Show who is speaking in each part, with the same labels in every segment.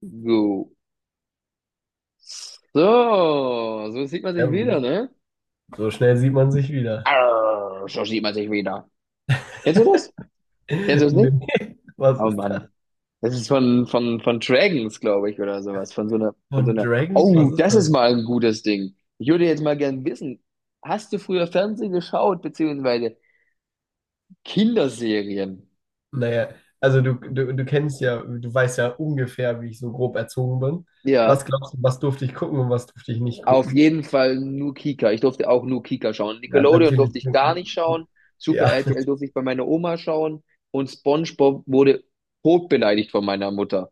Speaker 1: So. So sieht man
Speaker 2: Ja,
Speaker 1: sich wieder,
Speaker 2: gut.
Speaker 1: ne?
Speaker 2: So schnell sieht man sich wieder.
Speaker 1: Arr, so sieht man sich wieder. Kennst du das? Kennst du das nicht?
Speaker 2: Nee, was
Speaker 1: Oh
Speaker 2: ist das?
Speaker 1: Mann. Das ist von Dragons, glaube ich, oder sowas. Von so einer, von so
Speaker 2: Von
Speaker 1: einer.
Speaker 2: Dragons? Was
Speaker 1: Oh,
Speaker 2: ist
Speaker 1: das
Speaker 2: das?
Speaker 1: ist mal ein gutes Ding. Ich würde jetzt mal gern wissen, hast du früher Fernsehen geschaut, beziehungsweise Kinderserien?
Speaker 2: Naja, also du kennst ja, du weißt ja ungefähr, wie ich so grob erzogen bin. Was
Speaker 1: Ja.
Speaker 2: glaubst du, was durfte ich gucken und was durfte ich nicht
Speaker 1: Auf
Speaker 2: gucken?
Speaker 1: jeden Fall nur Kika. Ich durfte auch nur Kika schauen.
Speaker 2: Ja,
Speaker 1: Nickelodeon
Speaker 2: natürlich.
Speaker 1: durfte ich gar nicht schauen. Super
Speaker 2: Ja,
Speaker 1: RTL durfte ich bei meiner Oma schauen. Und SpongeBob wurde totbeleidigt von meiner Mutter.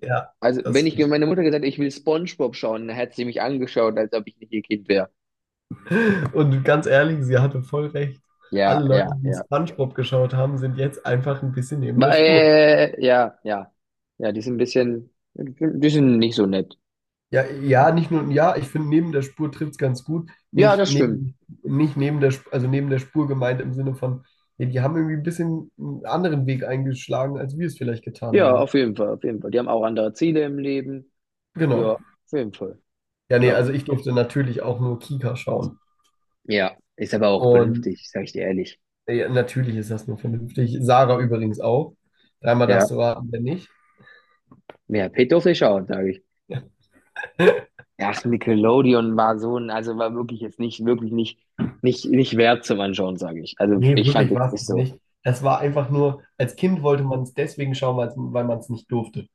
Speaker 2: ja,
Speaker 1: Also, wenn
Speaker 2: das.
Speaker 1: ich meiner Mutter gesagt hätte, ich will SpongeBob schauen, dann hätte sie mich angeschaut, als ob ich nicht ihr Kind wäre.
Speaker 2: Und ganz ehrlich, sie hatte voll recht.
Speaker 1: Ja,
Speaker 2: Alle Leute,
Speaker 1: ja,
Speaker 2: die
Speaker 1: ja.
Speaker 2: SpongeBob geschaut haben, sind jetzt einfach ein bisschen neben der Spur.
Speaker 1: Weil, ja, ja. Ja, die sind ein bisschen, die sind nicht so nett.
Speaker 2: Ja, ja, nicht nur, ja, ich finde, neben der Spur trifft es ganz gut.
Speaker 1: Ja,
Speaker 2: Nicht
Speaker 1: das stimmt.
Speaker 2: neben, nicht neben der, also neben der Spur gemeint im Sinne von, ja, die haben irgendwie ein bisschen einen anderen Weg eingeschlagen, als wir es vielleicht getan
Speaker 1: Ja,
Speaker 2: haben.
Speaker 1: auf jeden Fall, auf jeden Fall. Die haben auch andere Ziele im Leben. Ja,
Speaker 2: Genau.
Speaker 1: auf jeden Fall.
Speaker 2: Ja, nee,
Speaker 1: Klar.
Speaker 2: also ich durfte natürlich auch nur Kika schauen.
Speaker 1: Ja, ist aber auch
Speaker 2: Und
Speaker 1: vernünftig, sag ich dir ehrlich.
Speaker 2: ja, natürlich ist das nur vernünftig. Sarah übrigens auch. Dreimal
Speaker 1: Ja,
Speaker 2: darfst du raten, wer nicht.
Speaker 1: ja, Peter Fischer, sage ich. Ach, Nickelodeon war so ein, also war wirklich jetzt nicht, wirklich nicht, nicht, nicht wert zum Anschauen, sage ich. Also
Speaker 2: Nee,
Speaker 1: ich fand
Speaker 2: wirklich war
Speaker 1: jetzt
Speaker 2: es
Speaker 1: nicht
Speaker 2: auch
Speaker 1: so.
Speaker 2: nicht. Es war einfach nur, als Kind wollte man es deswegen schauen, weil man es nicht durfte.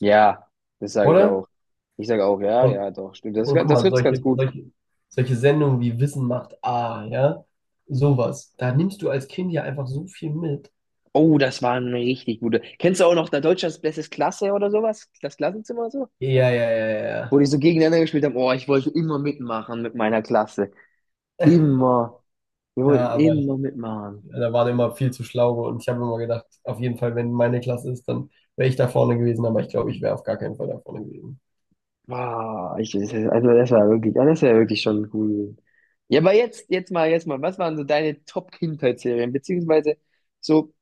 Speaker 1: Ja, das sage ich
Speaker 2: Oder?
Speaker 1: auch. Ich sage auch, ja,
Speaker 2: Und
Speaker 1: ja, doch, stimmt. Das, ist
Speaker 2: Und
Speaker 1: ga-
Speaker 2: guck
Speaker 1: das
Speaker 2: mal,
Speaker 1: trifft's ganz
Speaker 2: solche,
Speaker 1: gut.
Speaker 2: solche, solche Sendungen wie Wissen macht A, ja, sowas. Da nimmst du als Kind ja einfach so viel mit.
Speaker 1: Oh, das war eine richtig gute. Kennst du auch noch da Deutschlands Bestes Klasse oder sowas? Das Klassenzimmer so?
Speaker 2: Ja, ja, ja, ja.
Speaker 1: Wo
Speaker 2: Ja,
Speaker 1: die so gegeneinander gespielt haben. Oh, ich wollte immer mitmachen mit meiner Klasse. Immer. Wir
Speaker 2: ja,
Speaker 1: wollten
Speaker 2: aber
Speaker 1: immer mitmachen.
Speaker 2: da waren immer viel zu schlaue, und ich habe immer gedacht, auf jeden Fall, wenn meine Klasse ist, dann wäre ich da vorne gewesen, aber ich glaube, ich wäre auf gar keinen Fall da vorne gewesen.
Speaker 1: Wow, ich, also das war wirklich, das war wirklich schon cool. Ja, aber jetzt mal, was waren so deine Top-Kindheitsserien? Beziehungsweise so,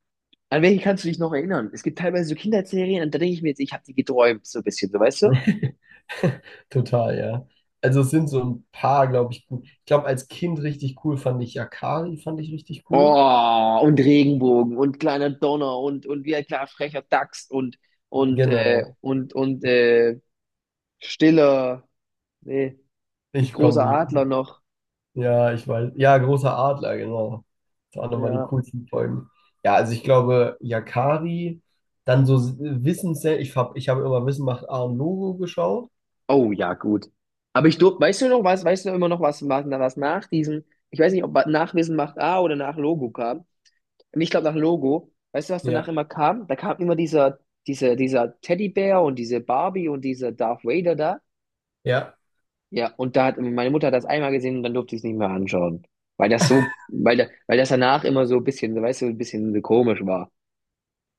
Speaker 1: an welche kannst du dich noch erinnern? Es gibt teilweise so Kindheitsserien, und da denke ich mir jetzt, ich habe die geträumt, so ein bisschen, so weißt du?
Speaker 2: Total, ja. Also es sind so ein paar, glaube ich, gut. Ich glaube, als Kind richtig cool fand ich Yakari, fand ich richtig cool.
Speaker 1: Oh, und Regenbogen und kleiner Donner und wie ein kleiner frecher Dachs und, und, äh,
Speaker 2: Genau.
Speaker 1: und, und, äh, stiller, nee, es gibt
Speaker 2: Ich komme
Speaker 1: großer
Speaker 2: nicht drauf.
Speaker 1: Adler noch.
Speaker 2: Ja, ich weiß. Ja, großer Adler, genau. Das waren nochmal die
Speaker 1: Ja.
Speaker 2: coolsten Folgen. Ja, also ich glaube, Yakari, dann so Wissenssendung. Ich hab immer Wissen macht A und Logo geschaut.
Speaker 1: Oh ja, gut. Aber ich durfte, weißt du noch was, weißt du immer noch was nach diesem, ich weiß nicht, ob nach Wissen macht A oder nach Logo kam. Und ich glaube nach Logo, weißt du, was danach
Speaker 2: Ja,
Speaker 1: immer kam? Da kam immer dieser Teddybär und diese Barbie und dieser Darth Vader da.
Speaker 2: ja,
Speaker 1: Ja, und da hat meine Mutter hat das einmal gesehen und dann durfte ich es nicht mehr anschauen. Weil das so, weil das danach immer so ein bisschen, weißt du, ein bisschen komisch war.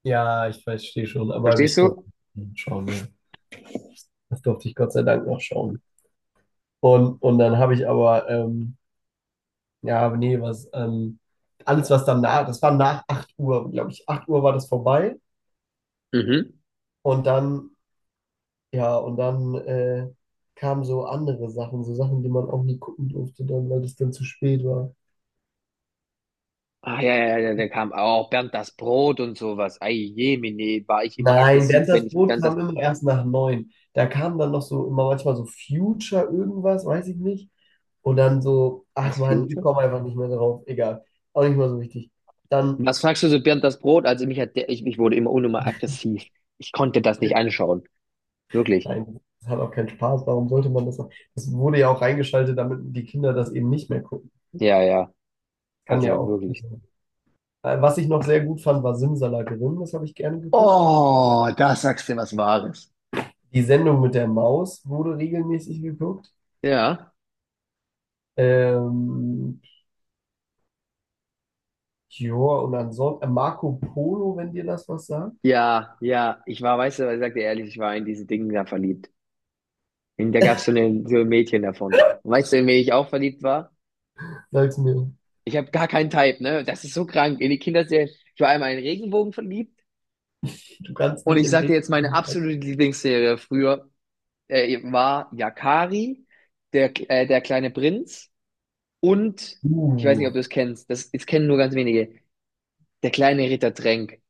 Speaker 2: ja, ich verstehe schon, aber
Speaker 1: Verstehst
Speaker 2: ich durfte
Speaker 1: du?
Speaker 2: nicht schauen. Ja. Das durfte ich Gott sei Dank noch schauen. Und dann habe ich aber ja, aber nee, was, alles, was dann nach, das war nach 8 Uhr, glaube ich. 8 Uhr war das vorbei.
Speaker 1: Mhm.
Speaker 2: Und dann, ja, und dann kamen so andere Sachen, so Sachen, die man auch nie gucken durfte, dann, weil es dann zu spät war.
Speaker 1: Ah, ja, ja, ja, da kam auch Bernd das Brot und sowas. Ei, jemine, war ich immer
Speaker 2: Nein,
Speaker 1: aggressiv,
Speaker 2: während
Speaker 1: wenn
Speaker 2: das
Speaker 1: ich
Speaker 2: Brot
Speaker 1: Bernd.
Speaker 2: kam immer erst nach neun. Da kam dann noch so immer manchmal so Future irgendwas, weiß ich nicht. Und dann so, ach
Speaker 1: Was,
Speaker 2: man, ich
Speaker 1: Future?
Speaker 2: komme einfach nicht mehr drauf, egal. Auch nicht mal so wichtig. Dann.
Speaker 1: Was fragst du so, Bernd, das Brot? Also mich hat der, ich wurde immer unnummer aggressiv. Ich konnte das nicht anschauen. Wirklich.
Speaker 2: Nein, das hat auch keinen Spaß. Warum sollte man das auch? Das wurde ja auch reingeschaltet, damit die Kinder das eben nicht mehr gucken.
Speaker 1: Ja, ja.
Speaker 2: Kann
Speaker 1: Also
Speaker 2: ja auch.
Speaker 1: wirklich.
Speaker 2: Also, was ich noch sehr gut fand, war Simsalakrim. Das habe ich gerne geguckt.
Speaker 1: Oh, da sagst du was Wahres.
Speaker 2: Die Sendung mit der Maus wurde regelmäßig geguckt.
Speaker 1: Ja,
Speaker 2: Ähm, ja, und ansonsten Marco Polo, wenn dir das was sagt.
Speaker 1: ja, ja. Ich war, weißt du, ich sag dir ehrlich, ich war in diese Dinge da verliebt. Und da gab's so, eine, so ein Mädchen davon. Und weißt du, in wen ich auch verliebt war?
Speaker 2: Sag's mir.
Speaker 1: Ich habe gar keinen Type, ne? Das ist so krank. In die Kinderserie. Ich war einmal in Regenbogen verliebt.
Speaker 2: Du kannst
Speaker 1: Und
Speaker 2: nicht
Speaker 1: ich
Speaker 2: in
Speaker 1: sag dir
Speaker 2: Regen.
Speaker 1: jetzt meine absolute Lieblingsserie früher, war Yakari, der kleine Prinz, und ich weiß nicht, ob
Speaker 2: Uh,
Speaker 1: du es kennst, das kennen nur ganz wenige, der kleine Ritter Tränk.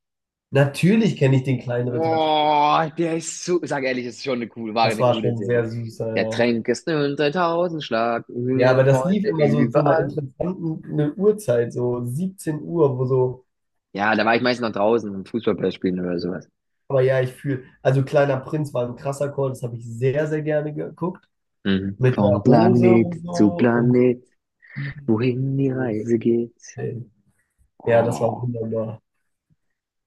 Speaker 2: natürlich kenne ich den kleinen Ritter.
Speaker 1: Oh, der ist so, sag ehrlich, das ist schon eine coole, war
Speaker 2: Das
Speaker 1: eine
Speaker 2: war
Speaker 1: coole
Speaker 2: schon
Speaker 1: Serie.
Speaker 2: sehr süßer, ja,
Speaker 1: Der
Speaker 2: ja.
Speaker 1: Tränk ist ein 3000 Schlag,
Speaker 2: Ja, aber das lief
Speaker 1: Freunde
Speaker 2: immer so zu einer
Speaker 1: überall.
Speaker 2: interessanten, ne, Uhrzeit, so 17 Uhr, wo so,
Speaker 1: Ja, da war ich meistens noch draußen, um Fußballplatz spielen oder sowas.
Speaker 2: aber ja, ich fühle, also Kleiner Prinz war ein krasser Call, das habe ich sehr, sehr gerne geguckt,
Speaker 1: Mhm.
Speaker 2: mit der
Speaker 1: Vom
Speaker 2: Rose
Speaker 1: Planet
Speaker 2: und
Speaker 1: zu
Speaker 2: so.
Speaker 1: Planet, wohin die
Speaker 2: Und,
Speaker 1: Reise geht.
Speaker 2: ja, das war
Speaker 1: Oh.
Speaker 2: wunderbar.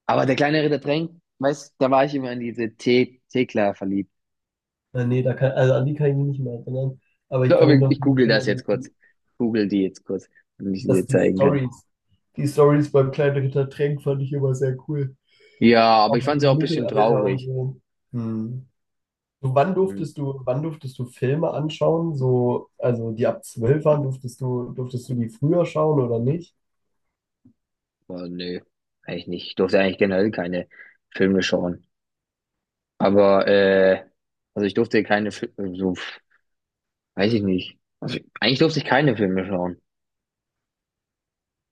Speaker 1: Aber der kleine Ritter Tränk, weißt, da war ich immer an diese Thekla verliebt.
Speaker 2: Nee, also an die kann ich mich nicht mehr erinnern, aber ich
Speaker 1: So,
Speaker 2: kann mich noch
Speaker 1: ich google das
Speaker 2: erinnern,
Speaker 1: jetzt
Speaker 2: dass
Speaker 1: kurz.
Speaker 2: die,
Speaker 1: Google die jetzt kurz, damit ich sie dir
Speaker 2: dass die
Speaker 1: zeigen kann.
Speaker 2: Stories, die Stories beim kleinen Ritter Tränk fand ich immer sehr cool.
Speaker 1: Ja, aber ich
Speaker 2: Auch
Speaker 1: fand sie auch
Speaker 2: im
Speaker 1: ein bisschen
Speaker 2: Mittelalter und
Speaker 1: traurig.
Speaker 2: so. Hm. Du,
Speaker 1: Hm,
Speaker 2: wann durftest du Filme anschauen? So, also die ab 12 waren, durftest du die früher schauen oder nicht?
Speaker 1: aber nö, eigentlich nicht. Ich durfte eigentlich generell keine Filme schauen. Aber, also ich durfte keine Filme, so, weiß ich nicht. Also eigentlich durfte ich keine Filme schauen.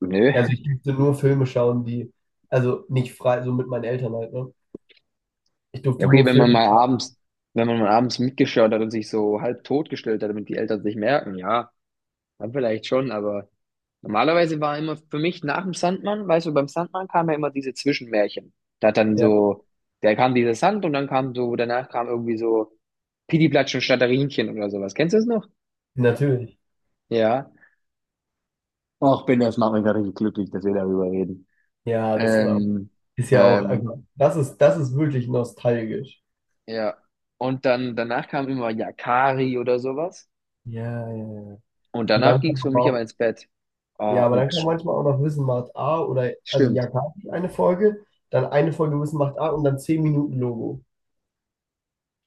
Speaker 1: Nö.
Speaker 2: Also ich durfte nur Filme schauen, die, also nicht frei, so mit meinen Eltern halt, ne? Ich
Speaker 1: Ja,
Speaker 2: durfte
Speaker 1: okay,
Speaker 2: nur
Speaker 1: wenn man
Speaker 2: Filme
Speaker 1: mal
Speaker 2: schauen.
Speaker 1: abends, wenn man mal abends mitgeschaut hat und sich so halb totgestellt hat, damit die Eltern es nicht merken, ja, dann vielleicht schon, aber. Normalerweise war immer für mich nach dem Sandmann, weißt du, beim Sandmann kam ja immer diese Zwischenmärchen. Da hat dann
Speaker 2: Ja,
Speaker 1: so, da kam dieser Sand und dann kam so, danach kam irgendwie so Pidiplatsch und Schnatterinchen oder sowas. Kennst du das noch?
Speaker 2: natürlich.
Speaker 1: Ja. Och, bin, das macht mich gerade richtig glücklich, dass wir darüber reden.
Speaker 2: Ja, das ist auch,
Speaker 1: Ähm,
Speaker 2: ist ja auch,
Speaker 1: ähm,
Speaker 2: das ist wirklich nostalgisch.
Speaker 1: ja. Und dann, danach kam immer Yakari oder sowas.
Speaker 2: Ja, ja, ja.
Speaker 1: Und
Speaker 2: Und
Speaker 1: danach
Speaker 2: dann
Speaker 1: ging es
Speaker 2: kam
Speaker 1: für
Speaker 2: aber
Speaker 1: mich aber
Speaker 2: auch,
Speaker 1: ins Bett. Oh,
Speaker 2: ja, aber dann kam
Speaker 1: und
Speaker 2: manchmal auch noch Wissen macht A oder, also ja
Speaker 1: stimmt.
Speaker 2: Yakari eine Folge, dann eine Folge Wissen macht A und dann 10 Minuten Logo.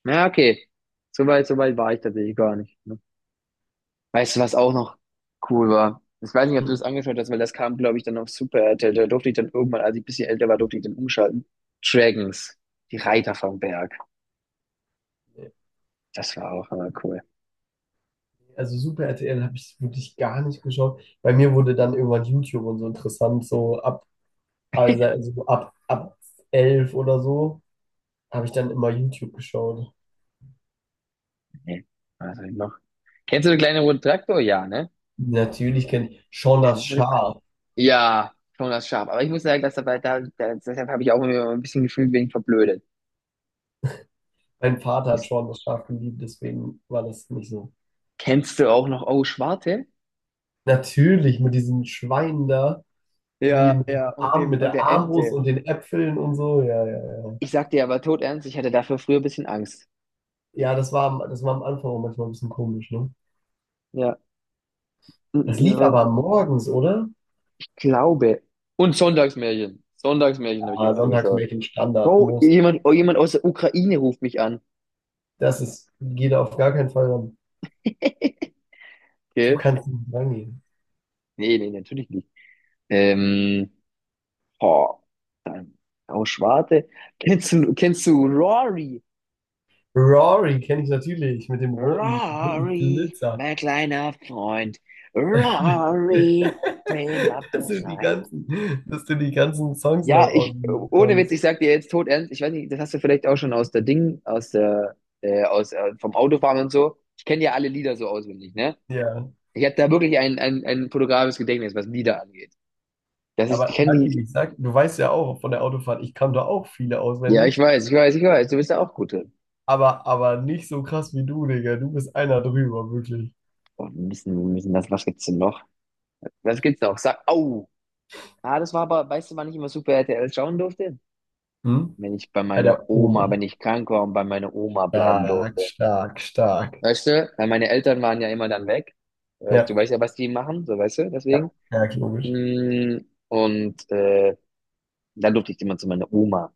Speaker 1: Na, okay. So weit war ich tatsächlich gar nicht. Weißt du, was auch noch cool war? Ich weiß nicht, ob du das
Speaker 2: Mhm.
Speaker 1: angeschaut hast, weil das kam, glaube ich, dann auf Super RTL. Da durfte ich dann irgendwann, als ich ein bisschen älter war, durfte ich dann umschalten. Dragons, die Reiter vom Berg. Das war auch immer cool.
Speaker 2: Also Super RTL habe ich wirklich gar nicht geschaut. Bei mir wurde dann irgendwann YouTube und so interessant, so ab, also, also ab, ab 11 oder so, habe ich dann immer YouTube geschaut.
Speaker 1: Nee, was hab ich noch? Kennst du den kleinen roten Traktor? Ja, ne?
Speaker 2: Natürlich kennt ich Shaun
Speaker 1: Kleine
Speaker 2: das
Speaker 1: rote Traktor.
Speaker 2: Schaf.
Speaker 1: Ja, schon das Schaf. Aber ich muss sagen, dass dabei, deshalb habe ich auch immer ein bisschen gefühlt wegen verblödet.
Speaker 2: Mein Vater hat
Speaker 1: Ist.
Speaker 2: Shaun das Schaf geliebt, deswegen war das nicht so.
Speaker 1: Kennst du auch noch Oh Schwarte?
Speaker 2: Natürlich mit diesen Schweinen da. Die
Speaker 1: Ja,
Speaker 2: mit,
Speaker 1: ja,
Speaker 2: dem
Speaker 1: und
Speaker 2: Arm,
Speaker 1: dem,
Speaker 2: mit
Speaker 1: und
Speaker 2: der
Speaker 1: der
Speaker 2: Armbrust
Speaker 1: Ente.
Speaker 2: und den Äpfeln und so, ja, ja, ja.
Speaker 1: Ich sag dir aber tot ernst, ich hatte dafür früher ein bisschen Angst.
Speaker 2: Ja, das war am Anfang auch manchmal ein bisschen komisch, ne?
Speaker 1: Ja,
Speaker 2: Das lief aber morgens, oder?
Speaker 1: glaube. Und Sonntagsmärchen. Sonntagsmärchen habe ich
Speaker 2: Ja,
Speaker 1: immer
Speaker 2: sonntags
Speaker 1: angeschaut.
Speaker 2: Mädchen Standard muss.
Speaker 1: Oh, jemand aus der Ukraine ruft mich an.
Speaker 2: Das ist, geht auf gar keinen Fall ran. Du
Speaker 1: Okay.
Speaker 2: kannst nicht rangehen.
Speaker 1: Nee, nee, natürlich nicht. Ähm, boah, dann aus Schwarte. Kennst du Rory?
Speaker 2: Rory kenne ich natürlich mit dem roten, roten
Speaker 1: Rory,
Speaker 2: Flitzer.
Speaker 1: mein kleiner Freund. Rory, bin mal
Speaker 2: Dass du die
Speaker 1: bereit.
Speaker 2: ganzen, dass du die ganzen Songs noch
Speaker 1: Ja, ich,
Speaker 2: auswendig
Speaker 1: ohne Witz,
Speaker 2: kannst.
Speaker 1: ich sag dir jetzt tot ernst, ich weiß nicht, das hast du vielleicht auch schon aus der Ding, vom Autofahren und so. Ich kenne ja alle Lieder so auswendig, ne?
Speaker 2: Ja,
Speaker 1: Ich habe da wirklich ein fotografisches Gedächtnis, was Lieder angeht. Das ist, ich
Speaker 2: aber
Speaker 1: kenne
Speaker 2: Lucky,
Speaker 1: die,
Speaker 2: ich sag, du weißt ja auch von der Autofahrt, ich kann da auch viele
Speaker 1: ja, ich
Speaker 2: auswendig.
Speaker 1: weiß, ich weiß, ich weiß, du bist da auch gut drin.
Speaker 2: Aber nicht so krass wie du, Digga. Du bist einer drüber, wirklich.
Speaker 1: Oh, wir müssen das, was gibt's denn noch? Was gibt's noch? Sag, au! Ah, das war aber, weißt du, wann ich immer Super RTL schauen durfte?
Speaker 2: Hm?
Speaker 1: Wenn ich bei
Speaker 2: Bei
Speaker 1: meiner
Speaker 2: der
Speaker 1: Oma,
Speaker 2: Oma.
Speaker 1: wenn ich krank war und bei meiner Oma bleiben
Speaker 2: Stark,
Speaker 1: durfte.
Speaker 2: stark, stark.
Speaker 1: Weißt du, weil meine Eltern waren ja immer dann weg. Du
Speaker 2: Ja,
Speaker 1: weißt ja, was die machen, so weißt du,
Speaker 2: ja,
Speaker 1: deswegen.
Speaker 2: ja, logisch.
Speaker 1: Mm, Und dann durfte ich immer zu meiner Oma.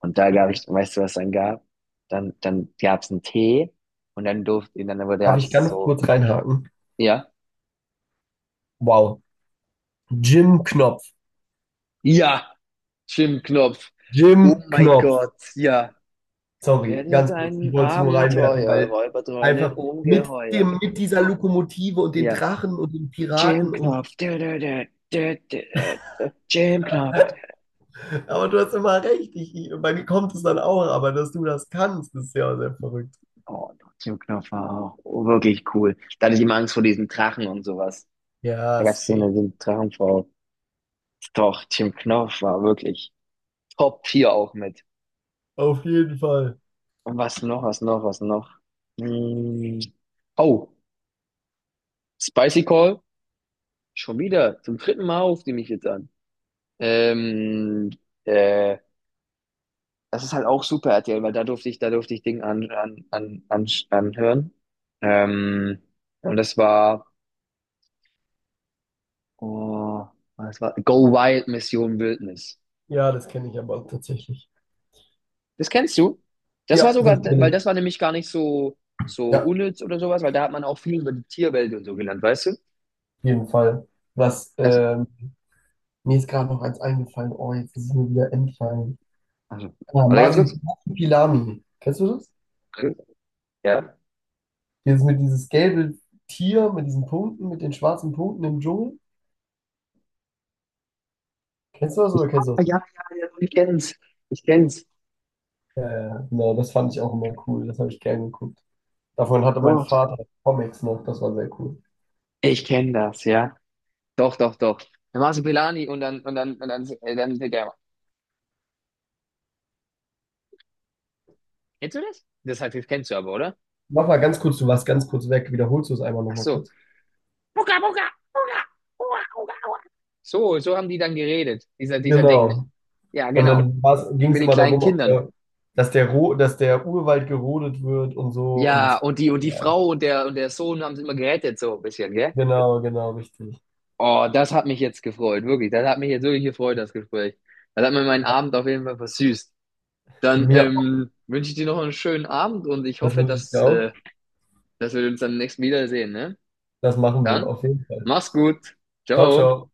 Speaker 1: Und da gab ich, weißt du, was dann gab? Dann gab es einen Tee und dann durfte, und dann wurde
Speaker 2: Darf ich
Speaker 1: es
Speaker 2: ganz
Speaker 1: so,
Speaker 2: kurz reinhaken?
Speaker 1: ja,
Speaker 2: Wow. Jim Knopf.
Speaker 1: ja, Schwimmknopf. Oh
Speaker 2: Jim
Speaker 1: mein
Speaker 2: Knopf.
Speaker 1: Gott, ja.
Speaker 2: Sorry,
Speaker 1: Werde
Speaker 2: ganz kurz. Ich
Speaker 1: dein
Speaker 2: wollte es nur reinwerfen,
Speaker 1: Abenteuer,
Speaker 2: weil
Speaker 1: Räuberdröhne,
Speaker 2: einfach mit
Speaker 1: Ungeheuer.
Speaker 2: dem, mit dieser Lokomotive und den
Speaker 1: Ja.
Speaker 2: Drachen und den
Speaker 1: Jim
Speaker 2: Piraten und.
Speaker 1: Knopf. Jim Knopf.
Speaker 2: Aber du hast immer recht. Bei mir kommt es dann auch, aber dass du das kannst, ist ja sehr verrückt.
Speaker 1: Oh, Tokio-Knopf war auch wirklich cool. Da hatte ich immer Angst vor diesen Drachen und sowas. Da
Speaker 2: Ja,
Speaker 1: gab es
Speaker 2: safe.
Speaker 1: so eine Drachenfrau. Doch, Team Knopf war wirklich Top 4 auch mit.
Speaker 2: Auf jeden Fall.
Speaker 1: Und was noch, was noch, was noch? Hm. Oh, Spicy Call. Schon wieder. Zum dritten Mal ruft die mich jetzt an. Ähm, äh, das ist halt auch Super RTL, weil da durfte ich, Dinge anhören. Ähm, und das war. Oh, was war? Go Wild Mission Wildnis.
Speaker 2: Ja, das kenne ich aber tatsächlich.
Speaker 1: Das kennst du? Das war
Speaker 2: Ja, das
Speaker 1: sogar,
Speaker 2: kenne
Speaker 1: weil
Speaker 2: ich.
Speaker 1: das war nämlich gar nicht so, so
Speaker 2: Ja, auf
Speaker 1: unnütz oder sowas, weil da hat man auch viel über die Tierwelt und so gelernt, weißt du?
Speaker 2: jeden Fall. Was,
Speaker 1: Das,
Speaker 2: mir ist gerade noch eins eingefallen. Oh, jetzt ist es mir wieder entfallen.
Speaker 1: also,
Speaker 2: Ah,
Speaker 1: warte ganz kurz.
Speaker 2: Masibuki Pilami. Kennst du das?
Speaker 1: Ja.
Speaker 2: Dieses mit dieses gelbe Tier mit diesen Punkten, mit den schwarzen Punkten im Dschungel. Kennst du das oder kennst du
Speaker 1: Ah,
Speaker 2: das
Speaker 1: ja,
Speaker 2: nicht?
Speaker 1: ja, ja, ich kenn's. Ich kenn's.
Speaker 2: Ja, ja, genau, das fand ich auch immer cool. Das habe ich gern geguckt. Davon hatte mein
Speaker 1: Doch.
Speaker 2: Vater Comics noch. Das war sehr cool.
Speaker 1: Ich kenn das, ja. Doch, doch, doch. Dann machst du Pelani dann, der. Kennst du das? Das heißt, das kennst du aber, oder?
Speaker 2: Mach mal ganz kurz, du warst ganz kurz weg. Wiederholst du es einmal
Speaker 1: Ach
Speaker 2: nochmal
Speaker 1: so.
Speaker 2: kurz?
Speaker 1: Buka, buka, buka, buka, buka. So haben die dann geredet, dieser Ding, ne?
Speaker 2: Genau.
Speaker 1: Ja,
Speaker 2: Und
Speaker 1: genau.
Speaker 2: dann ging es
Speaker 1: Mit den
Speaker 2: immer
Speaker 1: kleinen
Speaker 2: darum,
Speaker 1: Kindern.
Speaker 2: dass der Urwald gerodet wird und so.
Speaker 1: Ja,
Speaker 2: Und
Speaker 1: und die
Speaker 2: ja,
Speaker 1: Frau und der Sohn haben es immer gerettet, so ein bisschen, gell?
Speaker 2: genau, genau, richtig.
Speaker 1: Oh, das hat mich jetzt gefreut, wirklich. Das hat mich jetzt wirklich gefreut, das Gespräch. Das hat mir meinen Abend auf jeden Fall versüßt. Dann
Speaker 2: Mir auch.
Speaker 1: wünsche ich dir noch einen schönen Abend und ich
Speaker 2: Das
Speaker 1: hoffe,
Speaker 2: wünsche ich dir
Speaker 1: dass,
Speaker 2: auch.
Speaker 1: äh, dass wir uns dann nächstes Mal wiedersehen, ne?
Speaker 2: Das machen wir
Speaker 1: Dann,
Speaker 2: auf jeden Fall.
Speaker 1: mach's gut.
Speaker 2: Ciao,
Speaker 1: Ciao.
Speaker 2: ciao.